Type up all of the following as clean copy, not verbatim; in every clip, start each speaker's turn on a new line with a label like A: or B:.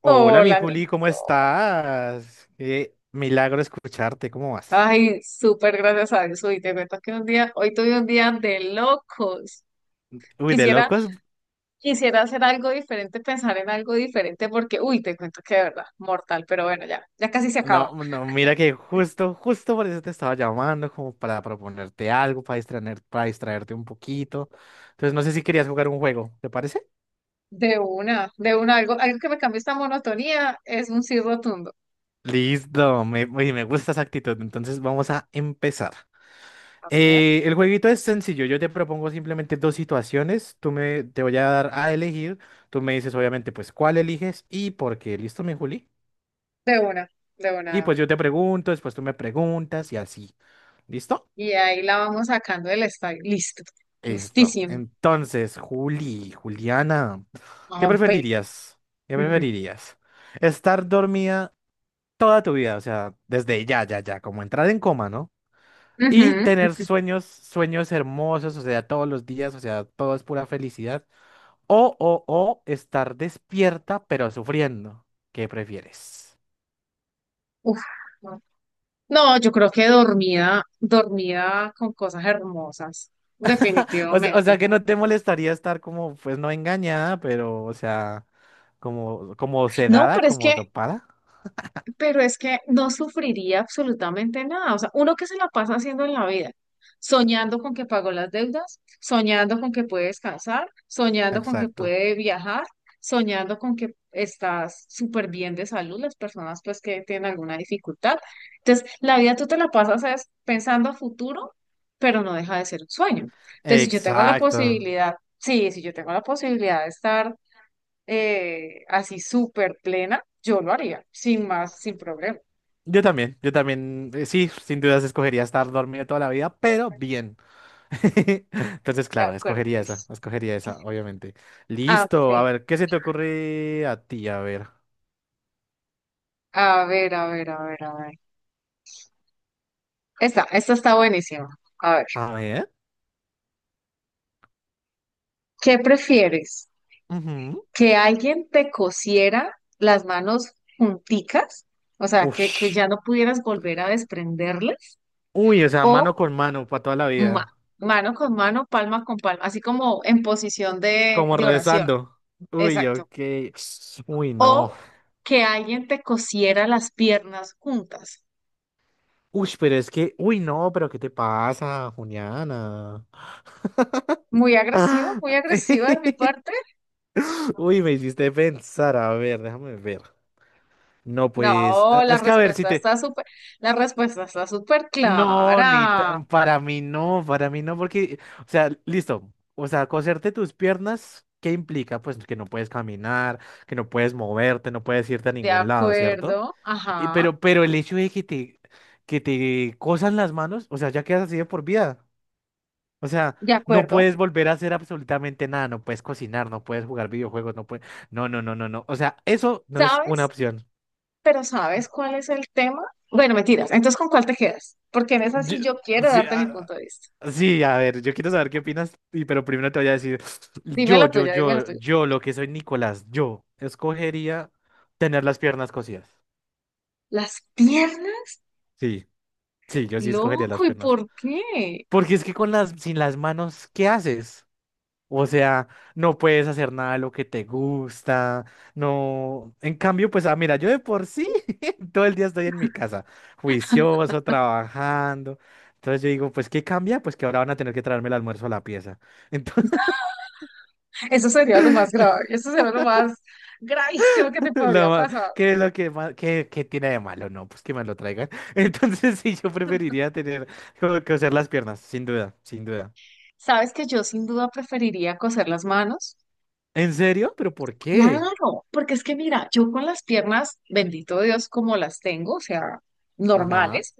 A: Hola, mi
B: Hola,
A: Juli, ¿cómo
B: Nico.
A: estás? Qué milagro escucharte, ¿cómo vas?
B: Ay, súper gracias a Dios. Uy, te cuento que un día, hoy tuve un día de locos.
A: Uy, de
B: Quisiera,
A: locos.
B: quisiera hacer algo diferente, pensar en algo diferente, porque, uy, te cuento que de verdad, mortal, pero bueno, ya casi se acaba.
A: No, no, mira que justo por eso te estaba llamando, como para proponerte algo, para para distraerte un poquito. Entonces, no sé si querías jugar un juego, ¿te parece?
B: De una, algo, algo que me cambie esta monotonía es un sí rotundo.
A: Listo, me gusta esa actitud. Entonces, vamos a empezar.
B: A ver,
A: El jueguito es sencillo. Yo te propongo simplemente dos situaciones. Te voy a dar a elegir. Tú me dices, obviamente, pues, cuál eliges y por qué. ¿Listo, mi Juli?
B: de una, de una,
A: Y
B: de una.
A: pues yo te pregunto, después tú me preguntas y así. ¿Listo?
B: Y ahí la vamos sacando del estadio. Listo,
A: Listo.
B: listísimo.
A: Entonces, Juliana, ¿qué
B: A ver.
A: preferirías? ¿Qué
B: Ujú,
A: preferirías? ¿Estar dormida toda tu vida? O sea, desde ya, ya, ya, como entrar en coma, ¿no? Y
B: ujú,
A: tener
B: ujú.
A: sueños, sueños hermosos, o sea, todos los días, o sea, todo es pura felicidad. O estar despierta pero sufriendo. ¿Qué prefieres?
B: Uf. No, yo creo que dormida, dormida con cosas hermosas,
A: O
B: definitivamente.
A: sea que no te molestaría estar como, pues no engañada, pero, o sea, como
B: No,
A: sedada,
B: pero es
A: como
B: que
A: dopada.
B: pero es que no sufriría absolutamente nada. O sea, uno que se la pasa haciendo en la vida, soñando con que pagó las deudas, soñando con que puede descansar, soñando con que
A: Exacto.
B: puede viajar, soñando con que estás súper bien de salud, las personas pues que tienen alguna dificultad. Entonces, la vida tú te la pasas es pensando a futuro, pero no deja de ser un sueño. Entonces, si yo tengo la
A: Exacto.
B: posibilidad, sí, si yo tengo la posibilidad de estar así súper plena, yo lo haría, sin más, sin problema.
A: Yo también, sí, sin dudas escogería estar dormido toda la vida, pero bien. Entonces,
B: De
A: claro,
B: acuerdo. Liz.
A: escogería esa, obviamente.
B: A
A: Listo, a
B: ver,
A: ver, ¿qué se te ocurre a ti? A ver.
B: a ver, a ver, a ver, a ver. Esta está buenísima. A ver,
A: A ver.
B: ¿qué prefieres?
A: Ujú.
B: ¿Que alguien te cosiera las manos junticas? O sea, que
A: Ush.
B: ya no pudieras volver a desprenderlas.
A: Uy, o sea,
B: O
A: mano con mano para toda la
B: ma-
A: vida.
B: mano con mano, palma con palma, así como en posición
A: Como
B: de oración.
A: rezando. Uy,
B: Exacto.
A: ok. Uy, no.
B: O que alguien te cosiera las piernas juntas.
A: Uy, pero es que. Uy, no, pero ¿qué te pasa, Juliana?
B: Muy agresivo,
A: Ah.
B: muy agresiva de mi parte.
A: Uy, me hiciste pensar. A ver, déjame ver. No, pues.
B: No, la
A: Es
B: Sí.
A: que a ver si
B: respuesta
A: te.
B: está súper, La respuesta está súper
A: No, ni
B: clara.
A: tan- para mí no, porque. O sea, listo. O sea, coserte tus piernas, ¿qué implica? Pues que no puedes caminar, que no puedes moverte, no puedes irte a
B: De
A: ningún lado, ¿cierto?
B: acuerdo, ajá,
A: Pero el hecho que te cosan las manos, o sea, ya quedas así de por vida. O sea,
B: de
A: no
B: acuerdo.
A: puedes volver a hacer absolutamente nada, no puedes cocinar, no puedes jugar videojuegos, no puedes... No, no, no, no, no. O sea, eso no es una
B: ¿Sabes?
A: opción.
B: Pero ¿sabes cuál es el tema? Bueno, mentiras. Entonces, ¿con cuál te quedas? Porque en esa
A: Yo-
B: sí yo quiero
A: sí,
B: darte mi punto de vista.
A: sí, a ver, yo quiero saber qué opinas, pero primero te voy a decir,
B: Dime la tuya, dime la tuya.
A: lo que soy Nicolás, yo escogería tener las piernas cosidas.
B: Las piernas,
A: Sí, sí, yo sí escogería las
B: loco, ¿y
A: piernas.
B: por qué?
A: Porque es que con sin las manos, ¿qué haces? O sea, no puedes hacer nada de lo que te gusta, no. En cambio, pues, mira, yo de por sí todo el día estoy en mi casa, juicioso, trabajando. Entonces yo digo, pues, ¿qué cambia? Pues que ahora van a tener que traerme el almuerzo a la pieza. Entonces,
B: Eso sería lo más grave, eso sería lo más gravísimo que te
A: lo
B: podría
A: ma-
B: pasar.
A: ¿qué es lo que qué tiene de malo? No, pues que me lo traigan. Entonces, sí, yo preferiría tener como que hacer las piernas, sin duda, sin duda.
B: ¿Sabes que yo sin duda preferiría coser las manos?
A: ¿En serio? ¿Pero por qué?
B: Claro, porque es que mira, yo con las piernas, bendito Dios, como las tengo, o sea,
A: Ajá,
B: normales,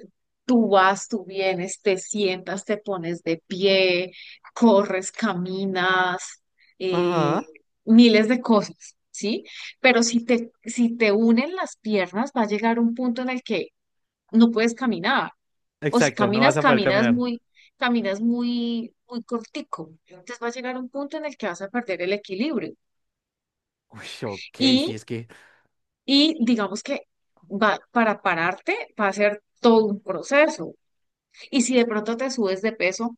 B: tú vas, tú vienes, te sientas, te pones de pie, corres, caminas, eh,
A: ajá.
B: miles de cosas, ¿sí? Pero si te unen las piernas, va a llegar un punto en el que no puedes caminar, o si
A: Exacto, no vas
B: caminas,
A: a poder caminar.
B: muy cortico, entonces va a llegar un punto en el que vas a perder el equilibrio.
A: Uy, ok, sí,
B: Y
A: es que
B: Y digamos que para pararte va a ser todo un proceso. Y si de pronto te subes de peso,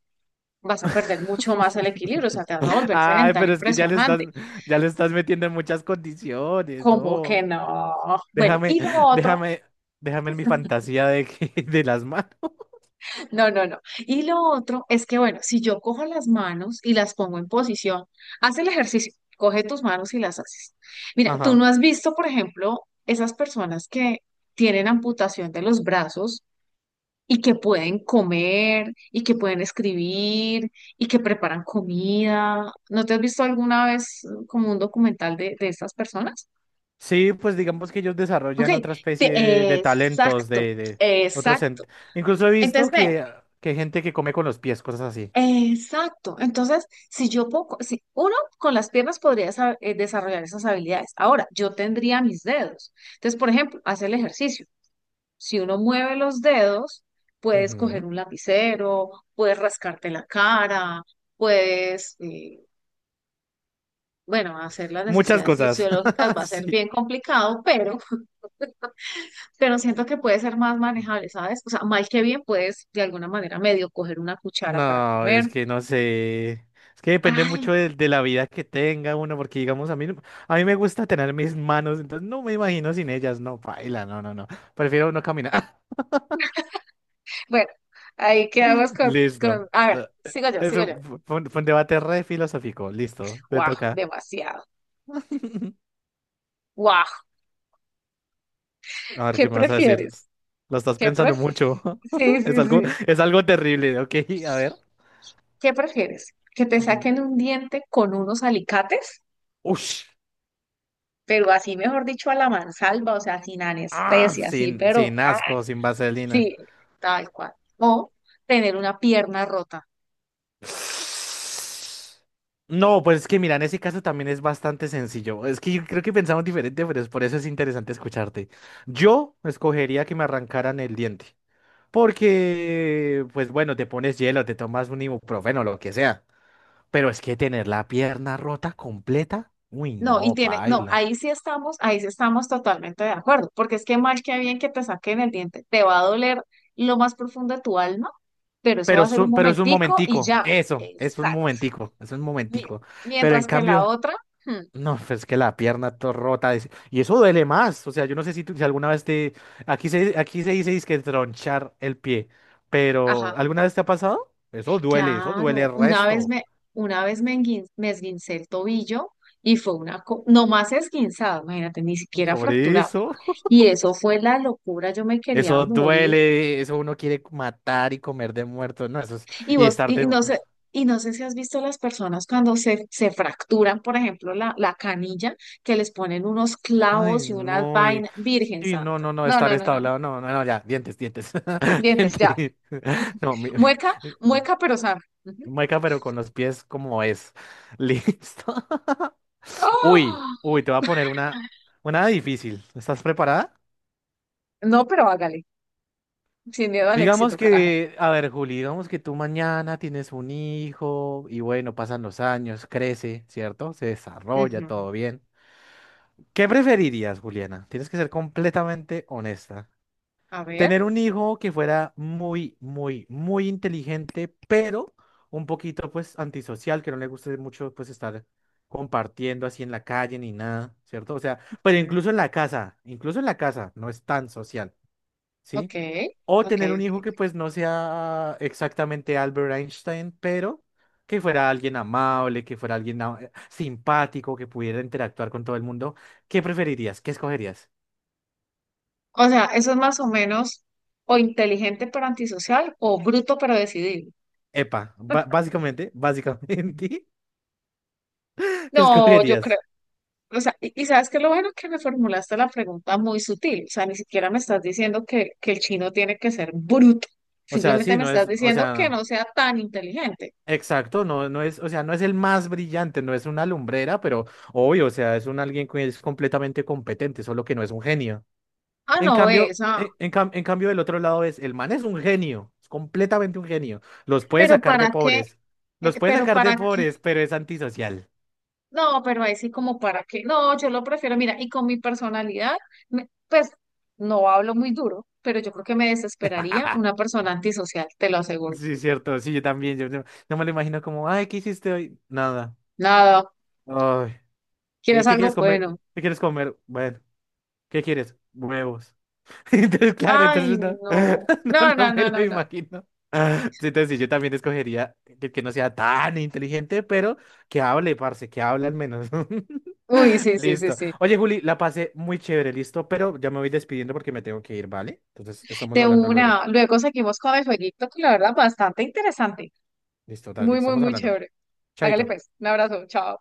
B: vas a perder mucho más el equilibrio, o sea, te vas a volver
A: Ay,
B: sedentario
A: pero es que
B: impresionante.
A: ya le estás metiendo en muchas condiciones,
B: ¿Cómo que
A: no.
B: no? Bueno,
A: Déjame,
B: y lo otro,
A: déjame, déjame en mi fantasía de que, de las manos.
B: no, no, no. Y lo otro es que, bueno, si yo cojo las manos y las pongo en posición, haz el ejercicio, coge tus manos y las haces. Mira, tú no
A: Ajá.
B: has visto, por ejemplo, esas personas que tienen amputación de los brazos y que pueden comer y que pueden escribir y que preparan comida. ¿No te has visto alguna vez como un documental de estas personas?
A: Sí, pues digamos que ellos
B: Ok,
A: desarrollan otra especie
B: te-
A: de talentos,
B: exacto,
A: de otros.
B: exacto.
A: Incluso he visto
B: Entonces, ve,
A: que hay gente que come con los pies, cosas así.
B: exacto. Entonces, si yo puedo, si uno con las piernas podría desarrollar esas habilidades. Ahora, yo tendría mis dedos. Entonces, por ejemplo, hacer el ejercicio. Si uno mueve los dedos, puedes coger
A: Ujú.
B: un lapicero, puedes rascarte la cara, puedes, bueno, hacer las
A: Muchas
B: necesidades
A: cosas.
B: fisiológicas va a ser
A: Sí.
B: bien complicado, pero, pero siento que puede ser más manejable, ¿sabes? O sea, mal que bien puedes de alguna manera medio coger una cuchara para
A: No,
B: comer.
A: es que no sé. Es que depende
B: Ay,
A: mucho de la vida que tenga uno, porque digamos, a mí me gusta tener mis manos, entonces no me imagino sin ellas, no, paila, no, no, no. Prefiero no caminar.
B: bueno, ahí quedamos con,
A: Listo.
B: a ver,
A: Eh,
B: sigo yo, sigo
A: Eso
B: yo.
A: fue fue un debate re filosófico, listo, te
B: Guau,
A: toca.
B: demasiado. Guau,
A: A ver,
B: ¿qué
A: ¿qué me vas a decir?
B: prefieres?
A: Lo estás
B: ¿Qué
A: pensando
B: prefieres?
A: mucho.
B: Sí,
A: Es
B: sí,
A: algo,
B: sí.
A: es algo terrible, ok, a ver.
B: ¿Qué prefieres? ¿Que te
A: Ujú.
B: saquen un diente con unos alicates?
A: Ush.
B: Pero así, mejor dicho, a la mansalva, o sea, sin
A: Ah,
B: anestesia, así,
A: sin,
B: pero
A: sin
B: ¡ah!
A: asco, sin vaselina.
B: Sí, tal cual. O tener una pierna rota.
A: No, pues es que mira, en ese caso también es bastante sencillo. Es que yo creo que pensamos diferente, pero es por eso es interesante escucharte. Yo escogería que me arrancaran el diente, porque, pues bueno, te pones hielo, te tomas un ibuprofeno, lo que sea. Pero es que tener la pierna rota completa, uy,
B: No, y
A: no,
B: tiene, no,
A: paila.
B: ahí sí estamos totalmente de acuerdo, porque es que mal que bien que te saquen el diente, te va a doler lo más profundo de tu alma, pero eso va a ser un
A: Pero es un
B: momentico y
A: momentico,
B: ya.
A: eso, es un
B: Exacto.
A: momentico, es un
B: Mira,
A: momentico. Pero en
B: mientras que la
A: cambio...
B: otra, hmm,
A: No, pues es que rota. Y eso duele más. O sea, yo no sé si, si alguna vez te. Aquí se dice que tronchar el pie.
B: ajá.
A: Pero, ¿alguna vez te ha pasado? Eso duele
B: Claro,
A: el resto.
B: una vez me, enguin- me esguincé el tobillo y fue una, no más esguinzado, imagínate, ni siquiera
A: Por
B: fracturado.
A: eso.
B: Y eso fue la locura, yo me quería
A: Eso
B: morir.
A: duele. Eso uno quiere matar y comer de muerto. No, eso es.
B: Y
A: Y
B: vos,
A: estar
B: y y
A: de.
B: no sé, y no sé si has visto las personas cuando se fracturan, por ejemplo, la canilla, que les ponen unos
A: Ay,
B: clavos y unas
A: no. Y...
B: vainas, Virgen
A: Sí, no,
B: Santa.
A: no, no.
B: No,
A: Estar
B: no, no, no, no.
A: establado. No, no, no, ya. Dientes, dientes.
B: Dientes, ya.
A: Dientes. No, mi...
B: Mueca, mueca, pero sana. Ujú.
A: Mueca, pero con los pies como es. Listo. Uy,
B: ¡Ah!
A: uy, te voy a poner una difícil. ¿Estás preparada?
B: No, pero hágale, sin miedo al
A: Digamos
B: éxito, carajo.
A: que, a ver, Juli, digamos que tú mañana tienes un hijo y bueno, pasan los años, crece, ¿cierto? Se desarrolla,
B: Ujú.
A: todo bien. ¿Qué preferirías, Juliana? Tienes que ser completamente honesta.
B: A ver.
A: Tener un hijo que fuera muy, muy, muy inteligente, pero un poquito pues antisocial, que no le guste mucho pues estar compartiendo así en la calle ni nada, ¿cierto? O sea, pero
B: Mm,
A: incluso en la casa, incluso en la casa no es tan social,
B: Ok,
A: ¿sí? O
B: ok.
A: tener un hijo
B: ok.
A: que pues no sea exactamente Albert Einstein, pero que fuera alguien amable, que fuera alguien simpático, que pudiera interactuar con todo el mundo. ¿Qué preferirías? ¿Qué escogerías?
B: O sea, eso es más o menos o inteligente pero antisocial o bruto pero decidido.
A: Epa, básicamente, básicamente. ¿Qué
B: No, yo creo.
A: escogerías?
B: O sea, y sabes que lo bueno que me formulaste la pregunta muy sutil. O sea, ni siquiera me estás diciendo que el chino tiene que ser bruto.
A: O sea,
B: Simplemente
A: sí,
B: me
A: no
B: estás
A: es, o
B: diciendo que
A: sea,
B: no sea tan inteligente.
A: exacto, no, no es, o sea, no es el más brillante, no es una lumbrera, pero obvio, o sea, es un alguien que es completamente competente, solo que no es un genio.
B: Ah,
A: En
B: no,
A: cambio,
B: esa.
A: en cambio del otro lado es, el man es un genio, es completamente un genio. Los puede
B: Pero
A: sacar de
B: ¿para qué?
A: pobres, los puede
B: Pero
A: sacar de
B: ¿para qué?
A: pobres, pero es antisocial.
B: No, pero ahí sí como para qué. No, yo lo prefiero, mira, y con mi personalidad, pues no hablo muy duro, pero yo creo que me desesperaría una persona antisocial, te lo aseguro.
A: Sí, cierto, sí, yo también, yo no, no me lo imagino como, ay, ¿qué hiciste hoy? Nada.
B: Nada,
A: Ay,
B: ¿quieres
A: ¿qué
B: algo?
A: quieres comer?
B: Bueno.
A: ¿Qué quieres comer? Bueno, ¿qué quieres? Huevos. Entonces, claro,
B: Ay,
A: entonces no,
B: no.
A: no,
B: No, no,
A: no me
B: no,
A: lo
B: no, no.
A: imagino. Sí, Entonces, sí, yo también escogería que no sea tan inteligente, pero que hable, parce, que hable al menos.
B: Uy, sí, sí, sí,
A: Listo.
B: sí.
A: Oye, Juli, la pasé muy chévere, listo, pero ya me voy despidiendo porque me tengo que ir, ¿vale? Entonces, estamos
B: De
A: hablando luego.
B: una. Luego seguimos con el jueguito, que la verdad bastante interesante.
A: Listo, dale,
B: Muy, muy,
A: estamos
B: muy
A: hablando.
B: chévere. Hágale
A: Chaito.
B: pues. Un abrazo. Chao.